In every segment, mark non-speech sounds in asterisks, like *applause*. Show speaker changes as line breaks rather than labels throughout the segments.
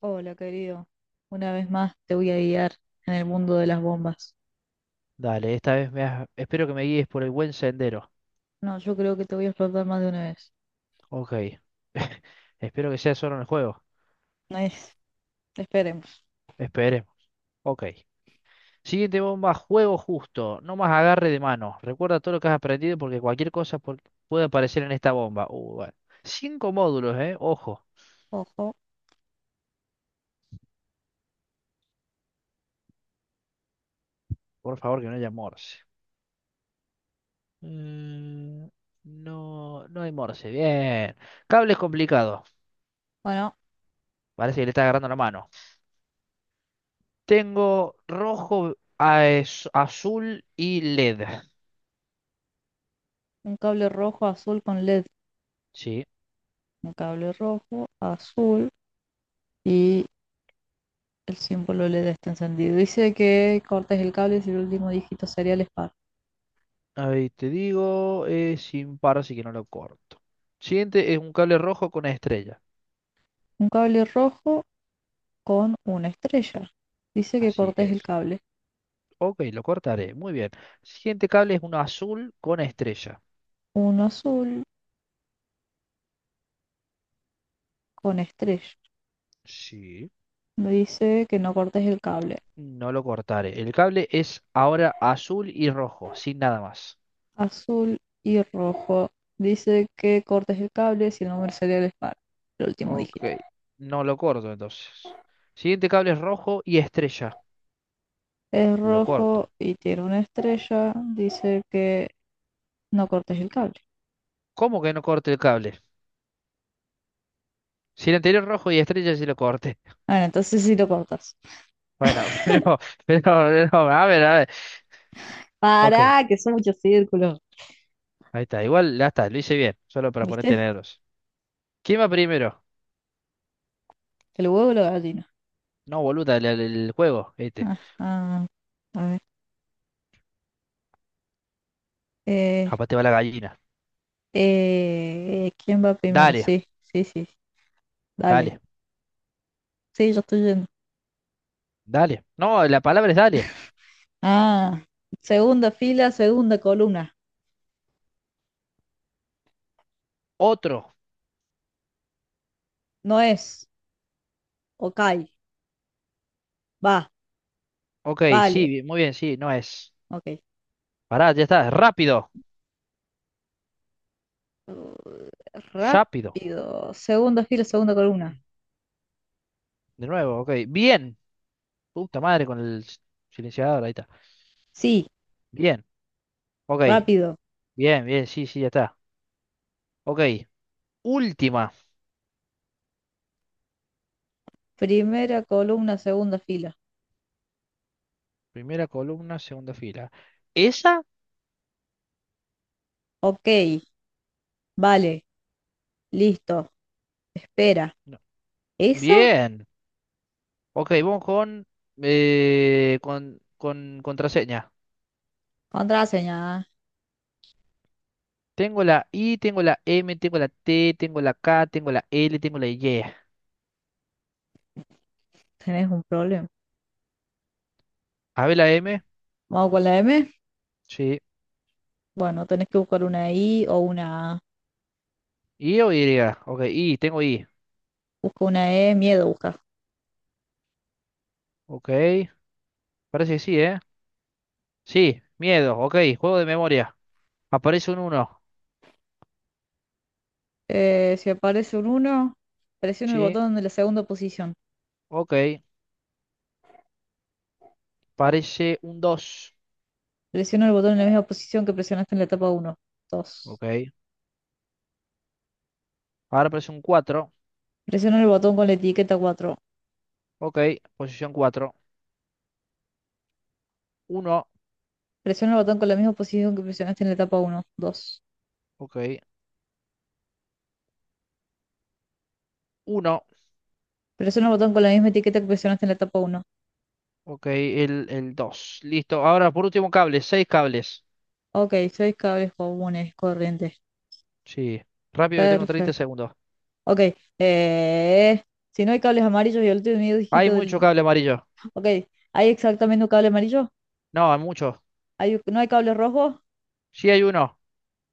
Hola, querido. Una vez más te voy a guiar en el mundo de las bombas.
Dale, esta vez espero que me guíes por el buen sendero.
No, yo creo que te voy a explotar más de una vez.
Ok. *laughs* Espero que sea solo en el juego.
No es, esperemos.
Esperemos. Ok. Siguiente bomba, juego justo. No más agarre de mano. Recuerda todo lo que has aprendido porque puede aparecer en esta bomba. Bueno. 5 módulos, ¿eh? Ojo.
Ojo.
Por favor, que no haya morse. Mm, no, no hay morse. Bien. Cables complicados.
Bueno,
Parece que le está agarrando la mano. Tengo rojo, azul y LED.
un cable rojo, azul con LED.
Sí.
Un cable rojo, azul y el símbolo LED está encendido. Dice que cortes el cable si el último dígito serial es par.
A ver, te digo, es sin par, así que no lo corto. Siguiente es un cable rojo con estrella.
Un cable rojo con una estrella. Dice que
Así
cortes el
es.
cable.
Ok, lo cortaré. Muy bien. Siguiente cable es uno azul con estrella.
Uno azul con estrella.
Sí.
Dice que no cortes el cable.
No lo cortaré. El cable es ahora azul y rojo, sin nada más.
Azul y rojo. Dice que cortes el cable si el número serial es par, el último
Ok,
dígito.
no lo corto entonces. Siguiente cable es rojo y estrella.
Es
Lo
rojo
corto.
y tiene una estrella. Dice que no cortes el cable.
¿Cómo que no corte el cable? Si el anterior rojo y estrella sí lo corté.
Bueno, entonces sí lo cortas.
Bueno, *laughs* pero, no, a ver, a ver. Ok.
Pará, que son muchos círculos.
Ahí está, igual ya está, lo hice bien, solo para ponerte
¿Viste?
nervioso. ¿Quién va primero?
El huevo y la gallina.
No, boluda, el juego, este.
Ajá. A ver. Eh,
Capaz te va la gallina.
¿Quién va primero?
Dale,
Sí, sí, sí. Dale.
dale,
Sí, yo estoy yendo.
dale. No, la palabra es dale.
Ah, segunda fila, segunda columna.
Otro.
No es. Ok. Va,
Ok, sí,
vale.
bien, muy bien, sí, no es.
Ok.
Pará, ya está, rápido,
Uh,
rápido.
rápido. Segunda fila, segunda columna.
De nuevo, ok, bien. Puta madre con silenciador, ahí está.
Sí,
Bien, ok,
rápido.
bien, bien, sí, sí, ya está. Ok, última.
Primera columna, segunda fila.
Primera columna, segunda fila. ¿Esa?
Ok, vale, listo. Espera.
No.
¿Esa?
Bien. Ok, vamos con, con contraseña.
Contraseña.
Tengo la I, tengo la M, tengo la T, tengo la K, tengo la L, tengo la Y.
Tenés un problema.
A ver la M.
Vamos con la M.
Sí.
Bueno, tenés que buscar una I o una A.
¿I o Y? Ok, I, tengo I.
Busca una E, miedo busca.
Ok, parece que sí, ¿eh? Sí, miedo. Ok, juego de memoria. Aparece un uno.
Si aparece un uno, presiona el
Sí,
botón de la segunda posición.
ok. Parece un dos.
Presiona el botón en la misma posición que presionaste en la etapa uno, 2.
Ok. Ahora aparece un cuatro.
Presiona el botón con la etiqueta 4.
Ok, posición cuatro. Uno.
Presiona el botón con la misma posición que presionaste en la etapa uno dos.
Ok. Uno.
Presiona el botón con la misma etiqueta que presionaste en la etapa uno.
Ok, el 2, listo. Ahora, por último, cables. Seis cables.
Ok, seis cables comunes, corrientes.
Sí. Rápido que tengo 30
Perfecto.
segundos.
Ok. eh, si no hay cables amarillos y el último
Hay
dígito
mucho
del...
cable amarillo.
Ok. ¿Hay exactamente un cable amarillo?
No, hay muchos.
¿Hay... ¿No hay cables rojos?
Sí, hay uno.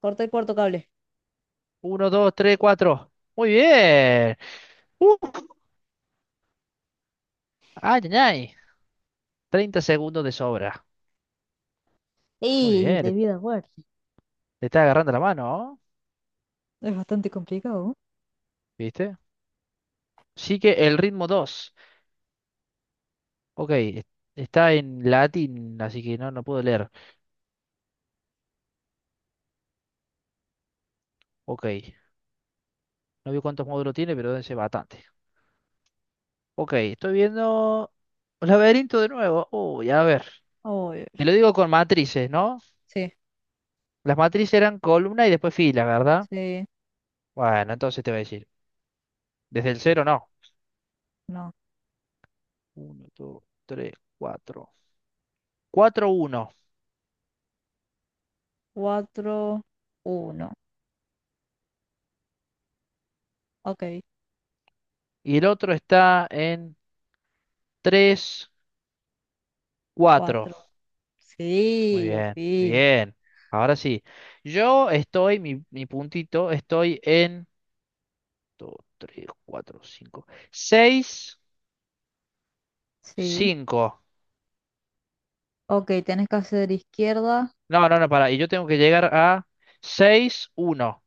Corta el cuarto cable.
Uno, 2, 3, 4. Muy bien. ¡Uf! Ay, ay, ay. 30 segundos de sobra. Muy
Y
bien. Le,
debido a muerte.
le está agarrando la mano, ¿no?
Es bastante complicado.
¿Viste? Sí que el ritmo 2. Ok. Está en latín, así que no, no puedo leer. Ok. No veo cuántos módulos tiene, pero debe ser bastante. Ok, estoy viendo un laberinto de nuevo. Uy, a ver.
Oh,
Te lo digo con matrices, ¿no?
sí,
Las matrices eran columna y después fila, ¿verdad?
sí,
Bueno, entonces te voy a decir. Desde el cero no.
no.
Uno, dos, tres, cuatro. Cuatro, uno.
Cuatro, uno. Ok,
Y el otro está en tres, cuatro.
cuatro.
Muy
Sí, al
bien,
fin.
bien. Ahora sí. Yo estoy, mi puntito, estoy en dos, tres, cuatro, cinco. Seis,
Sí.
cinco.
Ok, tenés que hacer izquierda,
No, no, no, para. Y yo tengo que llegar a seis uno.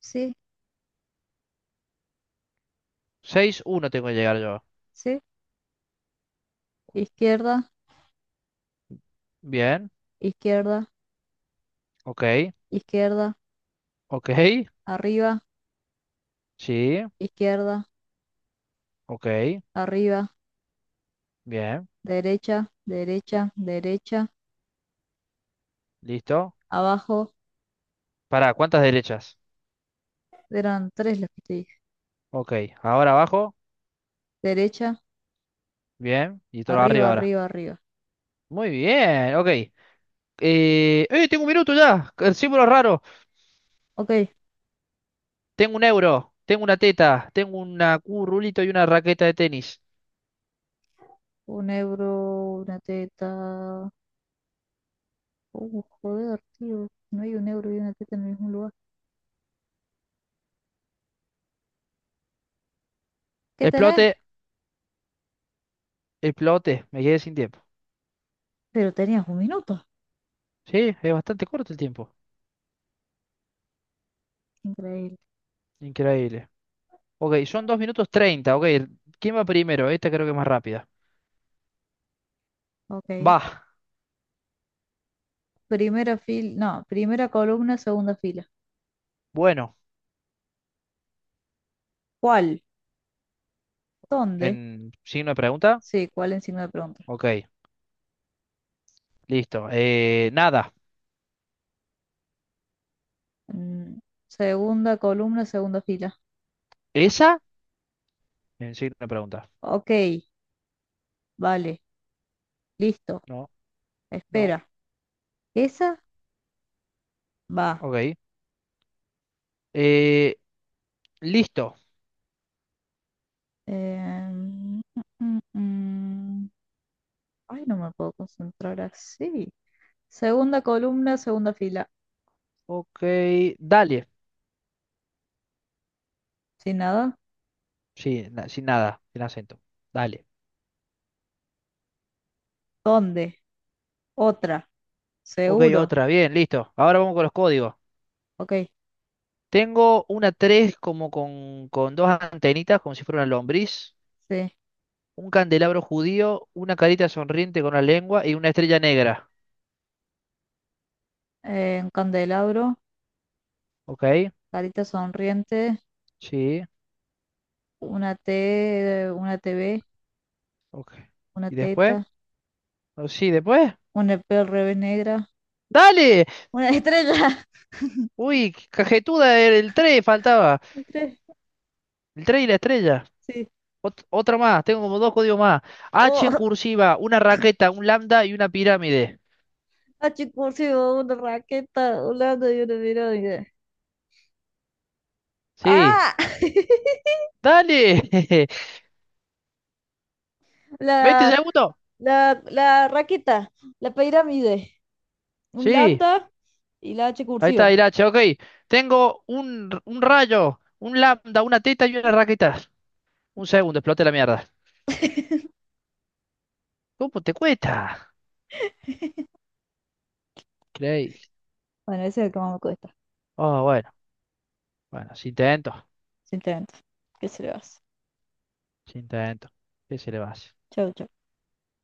sí,
Seis uno tengo que llegar yo.
sí, izquierda,
Bien.
izquierda,
Ok.
izquierda,
Ok.
arriba,
Sí.
izquierda,
Ok.
arriba,
Bien.
derecha, derecha, derecha,
Listo.
abajo.
Para, ¿cuántas derechas?
Eran tres las que te dije.
Ok. Ahora abajo.
Derecha,
Bien. Y todo
arriba,
arriba ahora.
arriba, arriba.
Muy bien. Ok. ¡Eh! Tengo un minuto ya. El símbolo raro.
Ok,
Tengo un euro. Tengo una teta. Tengo una cu, rulito y una raqueta de tenis.
un euro, una teta. Joder, tío, no hay un euro y una teta en el mismo lugar. ¿Qué tenés?
Explote. Explote. Me quedé sin tiempo.
Pero tenías un minuto.
Sí, es bastante corto el tiempo.
Increíble.
Increíble. Ok, son 2 minutos 30. Ok, ¿quién va primero? Esta creo que es más rápida.
Ok.
Va,
Primera fila, no, primera columna, segunda fila.
bueno,
¿Cuál? ¿Dónde?
en signo de pregunta.
Sí, ¿cuál en signo de pregunta?
Ok, listo. Nada,
Mm, segunda columna, segunda fila.
¿esa? En signo de pregunta.
Ok, vale, listo.
No, no,
Espera, ¿esa? Va.
ok. Eh, listo.
Em, mm, mm, mm. Ay, no me puedo concentrar así. Segunda columna, segunda fila.
Ok, dale.
¿Sin nada?
Sí, sin nada, sin acento. Dale.
¿Dónde? Otra.
Ok,
Seguro.
otra, bien, listo. Ahora vamos con los códigos.
Ok,
Tengo una 3 como con dos antenitas, como si fuera una lombriz.
sí.
Un candelabro judío, una carita sonriente con la lengua y una estrella negra.
Un candelabro,
Ok,
carita sonriente,
sí,
una T V.
ok.
Una
¿Y después?
teta,
Oh, sí, después.
una P al revés negra,
¡Dale!
una estrella.
Uy, qué cajetuda, era el 3 faltaba.
*laughs*
El 3 y la estrella.
Sí.
Otra más, tengo como dos códigos más. H en
Oh, *laughs*
cursiva, una raqueta, un lambda y una pirámide.
a chico 네. Una raqueta 보세요. 오늘 y una 이런
Sí.
ah *laughs*
¡Dale! *laughs* Veinte
la,
segundos?
la raqueta, la pirámide, un
Sí.
lambda y la H
Ahí está
cursiva.
el H, ok. Tengo un rayo, un lambda, una teta y una raqueta. Un segundo, explote la mierda.
*laughs*
¿Cómo te cuesta? Increíble.
Bueno, ese es el que más me cuesta,
Oh, bueno, bueno, si intento,
simplemente. ¿Qué se le va a hacer?
si intento. ¿Qué se le va a hacer?
Chau, chau.